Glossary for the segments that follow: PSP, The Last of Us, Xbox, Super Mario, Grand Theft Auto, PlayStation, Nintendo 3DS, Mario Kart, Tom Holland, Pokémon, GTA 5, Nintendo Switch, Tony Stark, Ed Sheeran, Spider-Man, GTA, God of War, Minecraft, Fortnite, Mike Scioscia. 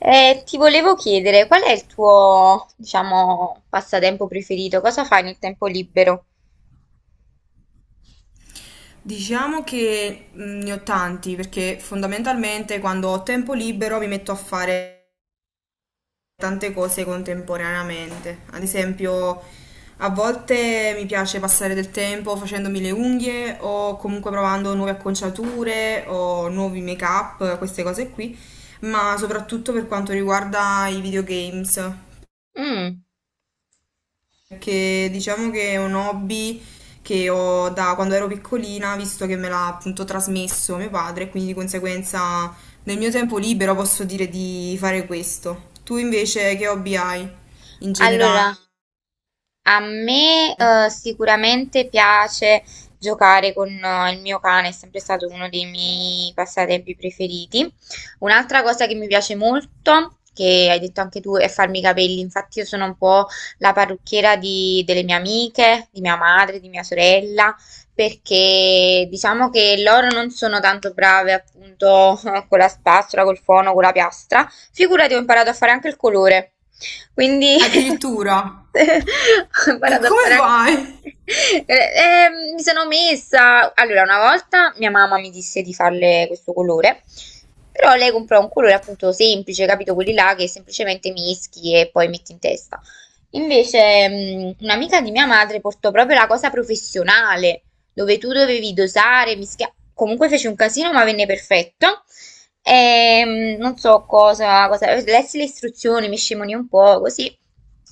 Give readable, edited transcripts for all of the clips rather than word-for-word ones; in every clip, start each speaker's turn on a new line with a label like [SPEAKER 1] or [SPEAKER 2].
[SPEAKER 1] Ti volevo chiedere, qual è il tuo, diciamo, passatempo preferito? Cosa fai nel tempo libero?
[SPEAKER 2] Diciamo che ne ho tanti perché fondamentalmente quando ho tempo libero mi metto a fare tante cose contemporaneamente. Ad esempio, a volte mi piace passare del tempo facendomi le unghie o comunque provando nuove acconciature o nuovi make-up, queste cose qui, ma soprattutto per quanto riguarda i videogames.
[SPEAKER 1] Mm.
[SPEAKER 2] Perché diciamo che è un hobby che ho da quando ero piccolina, visto che me l'ha appunto trasmesso mio padre, e quindi di conseguenza nel mio tempo libero posso dire di fare questo. Tu invece che hobby hai in
[SPEAKER 1] Allora,
[SPEAKER 2] generale?
[SPEAKER 1] a me, sicuramente piace giocare con il mio cane, è sempre stato uno dei miei passatempi preferiti. Un'altra cosa che mi piace molto, che hai detto anche tu, è farmi i capelli. Infatti io sono un po' la parrucchiera delle mie amiche, di mia madre, di mia sorella, perché diciamo che loro non sono tanto brave appunto con la spazzola, col fono, con la piastra. Figurati, ho imparato a fare anche il colore. Quindi
[SPEAKER 2] Addirittura?
[SPEAKER 1] ho
[SPEAKER 2] E
[SPEAKER 1] imparato a
[SPEAKER 2] come
[SPEAKER 1] fare anche.
[SPEAKER 2] fai?
[SPEAKER 1] Mi sono messa. Allora, una volta mia mamma mi disse di farle questo colore, però lei comprò un colore appunto semplice, capito? Quelli là che semplicemente mischi e poi metti in testa. Invece, un'amica di mia madre portò proprio la cosa professionale dove tu dovevi dosare, mischiare. Comunque fece un casino, ma venne perfetto. E non so cosa, lessi le istruzioni, mi scimonì un po' così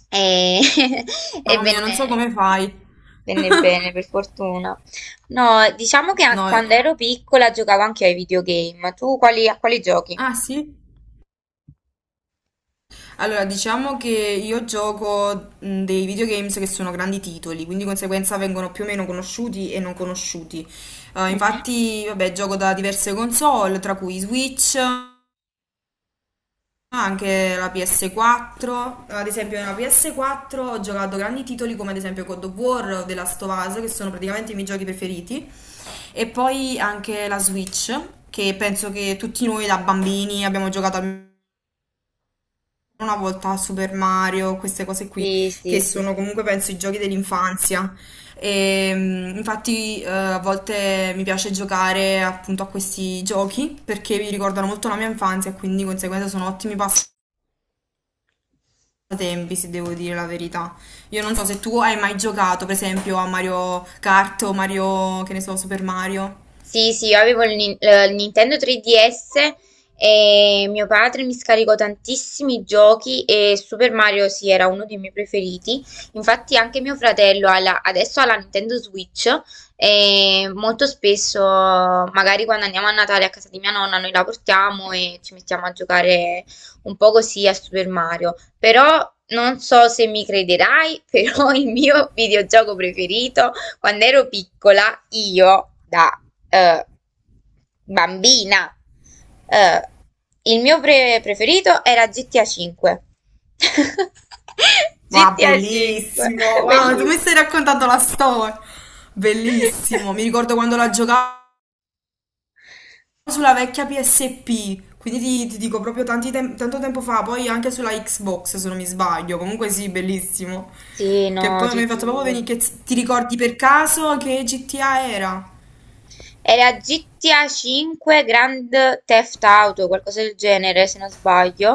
[SPEAKER 1] e, e
[SPEAKER 2] Mamma mia, non so come fai.
[SPEAKER 1] venne bene, per fortuna. No, diciamo che
[SPEAKER 2] No,
[SPEAKER 1] quando ero piccola giocavo anche ai videogame. Tu a quali giochi?
[SPEAKER 2] ah sì? Allora, diciamo che io gioco dei videogames che sono grandi titoli, quindi di conseguenza vengono più o meno conosciuti e non conosciuti.
[SPEAKER 1] Mhm.
[SPEAKER 2] Infatti, vabbè, gioco da diverse console, tra cui Switch, anche la PS4. Ad esempio, nella PS4 ho giocato grandi titoli come ad esempio God of War o The Last of Us, che sono praticamente i miei giochi preferiti. E poi anche la Switch, che penso che tutti noi da bambini abbiamo giocato al una volta a Super Mario, queste cose qui,
[SPEAKER 1] Sì,
[SPEAKER 2] che
[SPEAKER 1] sì, sì.
[SPEAKER 2] sono comunque penso i giochi dell'infanzia. E, mm, infatti a volte mi piace giocare appunto a questi giochi perché mi ricordano molto la mia infanzia e quindi di conseguenza sono ottimi passatempi, se devo dire la verità. Io non so se tu hai mai giocato, per esempio, a Mario Kart o Mario, che ne so, Super Mario.
[SPEAKER 1] Sì, sì, io avevo il Nintendo 3DS e mio padre mi scaricò tantissimi giochi e Super Mario sì, era uno dei miei preferiti. Infatti anche mio fratello adesso ha la Nintendo Switch e molto spesso, magari quando andiamo a Natale a casa di mia nonna, noi la portiamo e ci mettiamo a giocare un po' così a Super Mario. Però non so se mi crederai, però il mio videogioco preferito quando ero piccola io, da eh, bambina, eh, il mio preferito era GTA 5.
[SPEAKER 2] Wow,
[SPEAKER 1] GTA 5,
[SPEAKER 2] bellissimo! Wow, tu
[SPEAKER 1] bellissimo.
[SPEAKER 2] mi stai raccontando la storia! Bellissimo! Mi ricordo quando la giocavo sulla vecchia PSP, quindi ti dico proprio tanto tempo fa, poi anche sulla Xbox se non mi sbaglio, comunque sì, bellissimo.
[SPEAKER 1] Sì,
[SPEAKER 2] Che
[SPEAKER 1] no,
[SPEAKER 2] poi
[SPEAKER 1] ti
[SPEAKER 2] mi hai fatto proprio
[SPEAKER 1] giuro.
[SPEAKER 2] venire, ti ricordi per caso che GTA era?
[SPEAKER 1] Era GTA 5 Grand Theft Auto, qualcosa del genere, se non sbaglio.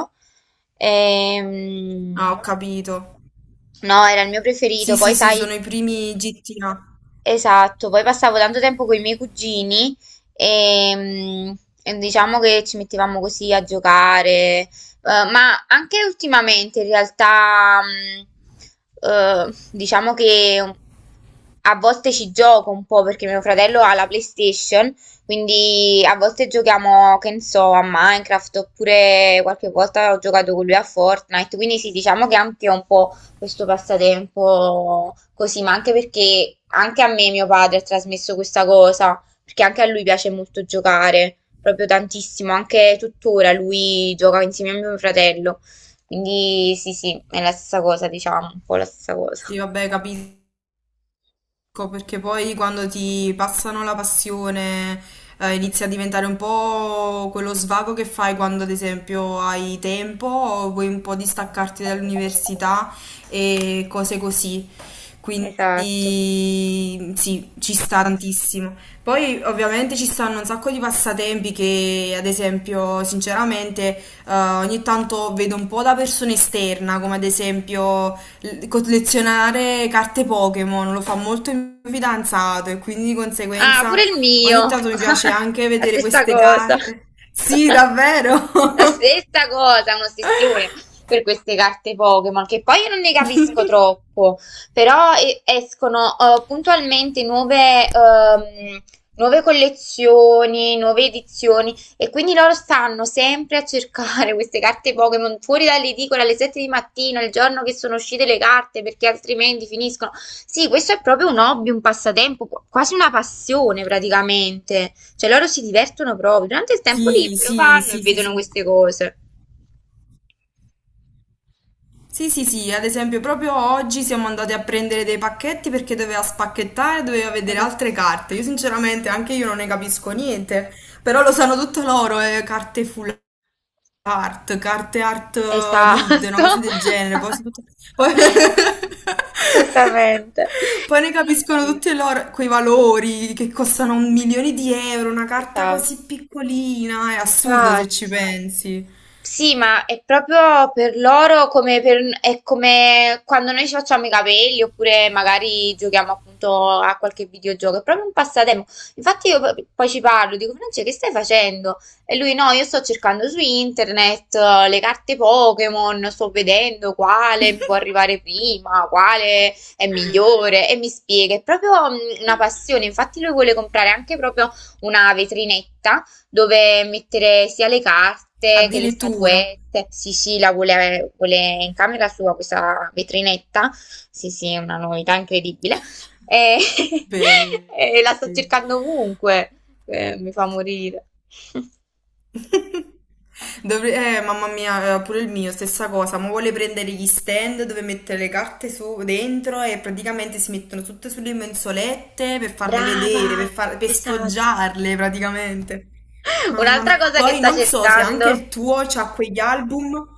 [SPEAKER 2] Ah,
[SPEAKER 1] Ehm,
[SPEAKER 2] ho capito.
[SPEAKER 1] no, era il mio preferito.
[SPEAKER 2] Sì,
[SPEAKER 1] Poi,
[SPEAKER 2] sì, sì,
[SPEAKER 1] sai.
[SPEAKER 2] sono i primi GTA.
[SPEAKER 1] Esatto, poi passavo tanto tempo con i miei cugini e, mm, e diciamo che ci mettevamo così a giocare. Ma anche ultimamente in realtà diciamo che a volte ci gioco un po' perché mio fratello ha la PlayStation, quindi a volte giochiamo, che ne so, a Minecraft oppure qualche volta ho giocato con lui a Fortnite, quindi sì, diciamo che anche un po' questo passatempo così, ma anche perché anche a me mio padre ha trasmesso questa cosa, perché anche a lui piace molto giocare, proprio tantissimo, anche tuttora lui gioca insieme a mio fratello, quindi sì, sì, è la stessa cosa, diciamo, un po' la stessa cosa.
[SPEAKER 2] Sì, vabbè, capito. Ecco, perché poi quando ti passano la passione, inizia a diventare un po' quello svago che fai quando, ad esempio, hai tempo o vuoi un po' distaccarti dall'università e cose così. Quindi
[SPEAKER 1] Esatto.
[SPEAKER 2] sì, ci sta tantissimo. Poi ovviamente ci stanno un sacco di passatempi che, ad esempio, sinceramente, ogni tanto vedo un po' da persona esterna, come ad esempio collezionare carte Pokémon, lo fa molto il mio fidanzato e quindi di
[SPEAKER 1] Ah, pure
[SPEAKER 2] conseguenza
[SPEAKER 1] il
[SPEAKER 2] ogni
[SPEAKER 1] mio.
[SPEAKER 2] tanto mi piace anche
[SPEAKER 1] La
[SPEAKER 2] vedere
[SPEAKER 1] stessa
[SPEAKER 2] queste
[SPEAKER 1] cosa.
[SPEAKER 2] carte. Sì, davvero?
[SPEAKER 1] La stessa cosa, un'ossessione per queste carte Pokémon, che poi io non ne capisco troppo, però escono puntualmente nuove collezioni, nuove edizioni. E quindi loro stanno sempre a cercare queste carte Pokémon fuori dall'edicola alle 7 di mattina, il giorno che sono uscite le carte, perché altrimenti finiscono. Sì, questo è proprio un hobby, un passatempo, quasi una passione praticamente. Cioè loro si divertono proprio. Durante il tempo
[SPEAKER 2] Sì,
[SPEAKER 1] libero
[SPEAKER 2] sì,
[SPEAKER 1] vanno e
[SPEAKER 2] sì, sì,
[SPEAKER 1] vedono
[SPEAKER 2] sì.
[SPEAKER 1] queste cose.
[SPEAKER 2] Sì, sì, sì, ad esempio proprio oggi siamo andati a prendere dei pacchetti perché doveva spacchettare, doveva vedere altre carte. Io sinceramente anche io non ne capisco niente, però lo sanno tutto loro, carte full art, carte art mid, una
[SPEAKER 1] Esatto.
[SPEAKER 2] cosa del genere, poi, sono tutte- poi-
[SPEAKER 1] Esattamente.
[SPEAKER 2] poi ne
[SPEAKER 1] Sì,
[SPEAKER 2] capiscono
[SPEAKER 1] sì.
[SPEAKER 2] tutti i loro, quei valori che costano un milione di euro, una carta
[SPEAKER 1] Esatto.
[SPEAKER 2] così piccolina, è assurdo se ci
[SPEAKER 1] Infatti.
[SPEAKER 2] pensi.
[SPEAKER 1] Sì, ma è proprio per loro è come quando noi ci facciamo i capelli oppure magari giochiamo appunto a qualche videogioco, è proprio un passatempo. Infatti io poi ci parlo, dico Francia, che stai facendo? E lui no, io sto cercando su internet le carte Pokémon, sto vedendo quale mi può arrivare prima, quale è migliore e mi spiega, è proprio una passione, infatti lui vuole comprare anche proprio una vetrinetta dove mettere sia le carte che le
[SPEAKER 2] Addirittura.
[SPEAKER 1] statuette. Sì, sì, la vuole, vuole in camera sua questa vetrinetta. Sì, sì, è una novità incredibile. E, e la sto
[SPEAKER 2] Belli.
[SPEAKER 1] cercando ovunque. Mi fa morire.
[SPEAKER 2] Mamma mia, pure il mio, stessa cosa, ma vuole prendere gli stand dove mettere dentro e praticamente si mettono tutte sulle mensolette per farle vedere,
[SPEAKER 1] Brava,
[SPEAKER 2] per
[SPEAKER 1] esatto.
[SPEAKER 2] sfoggiarle praticamente. Mamma
[SPEAKER 1] Un'altra
[SPEAKER 2] mia,
[SPEAKER 1] cosa che
[SPEAKER 2] poi
[SPEAKER 1] sta
[SPEAKER 2] non so se anche
[SPEAKER 1] cercando.
[SPEAKER 2] il tuo c'ha quegli album.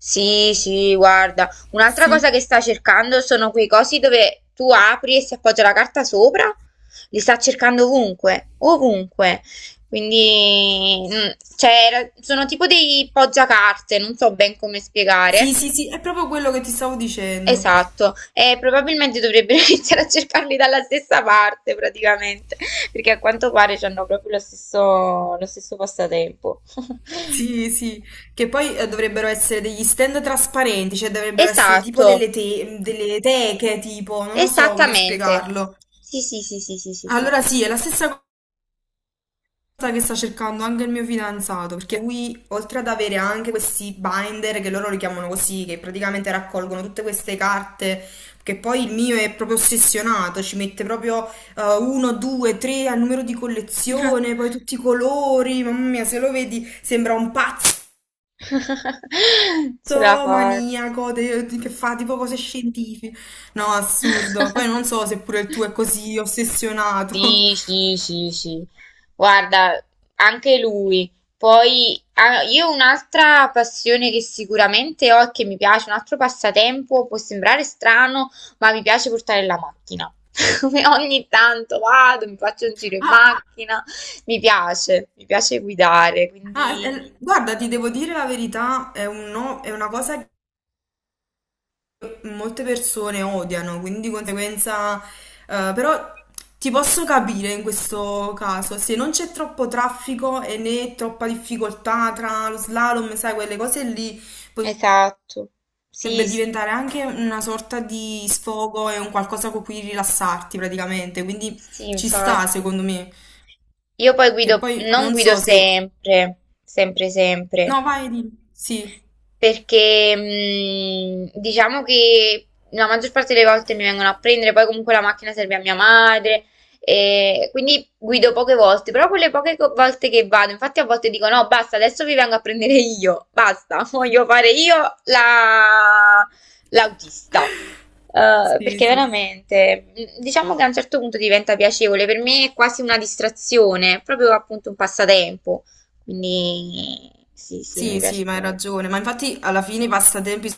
[SPEAKER 1] Sì, sì, guarda, un'altra
[SPEAKER 2] Sì.
[SPEAKER 1] cosa che sta cercando sono quei cosi dove tu apri e si appoggia la carta sopra. Li sta cercando ovunque, ovunque. Quindi, cioè, sono tipo dei poggiacarte, non so ben come
[SPEAKER 2] Sì,
[SPEAKER 1] spiegare.
[SPEAKER 2] sì, sì, è proprio quello che ti stavo dicendo.
[SPEAKER 1] Esatto, e probabilmente dovrebbero iniziare a cercarli dalla stessa parte praticamente, perché a quanto pare hanno proprio lo stesso passatempo.
[SPEAKER 2] Sì, sì, che poi dovrebbero essere degli stand trasparenti, cioè dovrebbero essere tipo
[SPEAKER 1] Esatto.
[SPEAKER 2] delle teche, tipo, non lo so come
[SPEAKER 1] Esattamente.
[SPEAKER 2] spiegarlo.
[SPEAKER 1] Sì, sì, sì, sì, sì, sì, sì,
[SPEAKER 2] Allora
[SPEAKER 1] sì.
[SPEAKER 2] sì, è la stessa cosa che sta cercando anche il mio fidanzato, perché lui, oltre ad avere anche questi binder, che loro li chiamano così, che praticamente raccolgono tutte queste carte, che poi il mio è proprio ossessionato, ci mette proprio uno, due, tre al numero di collezione, poi tutti i colori, mamma mia, se lo vedi sembra un pazzo
[SPEAKER 1] Ce la
[SPEAKER 2] tutto
[SPEAKER 1] faccio.
[SPEAKER 2] maniaco che fa tipo cose scientifiche. No, assurdo. Poi non so se pure il tuo è così ossessionato.
[SPEAKER 1] Sì, sì, sì, sì. Guarda, anche lui. Poi ah, io un'altra passione che sicuramente ho e che mi piace, un altro passatempo, può sembrare strano, ma mi piace portare la macchina. Come ogni tanto vado, mi faccio un giro in
[SPEAKER 2] Ah,
[SPEAKER 1] macchina, mi piace guidare, quindi
[SPEAKER 2] guarda, ti devo dire la verità, è un no- è una cosa che molte persone odiano, quindi di conseguenza, però ti posso capire in questo caso, se non c'è troppo traffico e né troppa difficoltà tra lo slalom, sai, quelle cose lì.
[SPEAKER 1] esatto.
[SPEAKER 2] Potrebbe
[SPEAKER 1] Sì, sì.
[SPEAKER 2] diventare anche una sorta di sfogo e un qualcosa con cui rilassarti praticamente, quindi
[SPEAKER 1] Sì,
[SPEAKER 2] ci sta
[SPEAKER 1] infatti.
[SPEAKER 2] secondo me.
[SPEAKER 1] Io poi
[SPEAKER 2] Che
[SPEAKER 1] guido,
[SPEAKER 2] poi
[SPEAKER 1] non
[SPEAKER 2] non
[SPEAKER 1] guido
[SPEAKER 2] so se...
[SPEAKER 1] sempre, sempre, sempre,
[SPEAKER 2] No, vai di... Sì,
[SPEAKER 1] perché diciamo che la maggior parte delle volte mi vengono a prendere, poi comunque la macchina serve a mia madre, e quindi guido poche volte, però quelle poche volte che vado, infatti a volte dico no, basta, adesso vi vengo a prendere io, basta, voglio fare io la- l'autista. Eh,
[SPEAKER 2] sì,
[SPEAKER 1] perché
[SPEAKER 2] sì.
[SPEAKER 1] veramente, diciamo che a un certo punto diventa piacevole, per me è quasi una distrazione, è proprio appunto un passatempo, quindi sì, sì, mi
[SPEAKER 2] Sì,
[SPEAKER 1] piace
[SPEAKER 2] sì, ma hai
[SPEAKER 1] molto.
[SPEAKER 2] ragione. Ma infatti alla fine i passatempi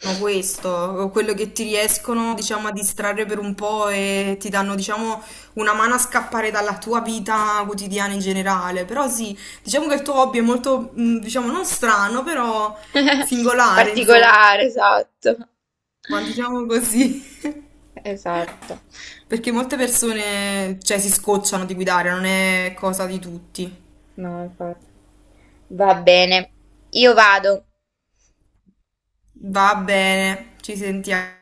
[SPEAKER 2] sono questo, quello che ti riescono, diciamo, a distrarre per un po' e ti danno, diciamo, una mano a scappare dalla tua vita quotidiana in generale. Però sì, diciamo che il tuo hobby è molto, diciamo, non strano, però singolare, insomma.
[SPEAKER 1] Particolare, esatto.
[SPEAKER 2] Ma diciamo così,
[SPEAKER 1] Esatto.
[SPEAKER 2] perché molte persone, cioè, si scocciano di guidare, non è cosa di tutti.
[SPEAKER 1] No, infatti. Va bene, io vado.
[SPEAKER 2] Va bene, ci sentiamo.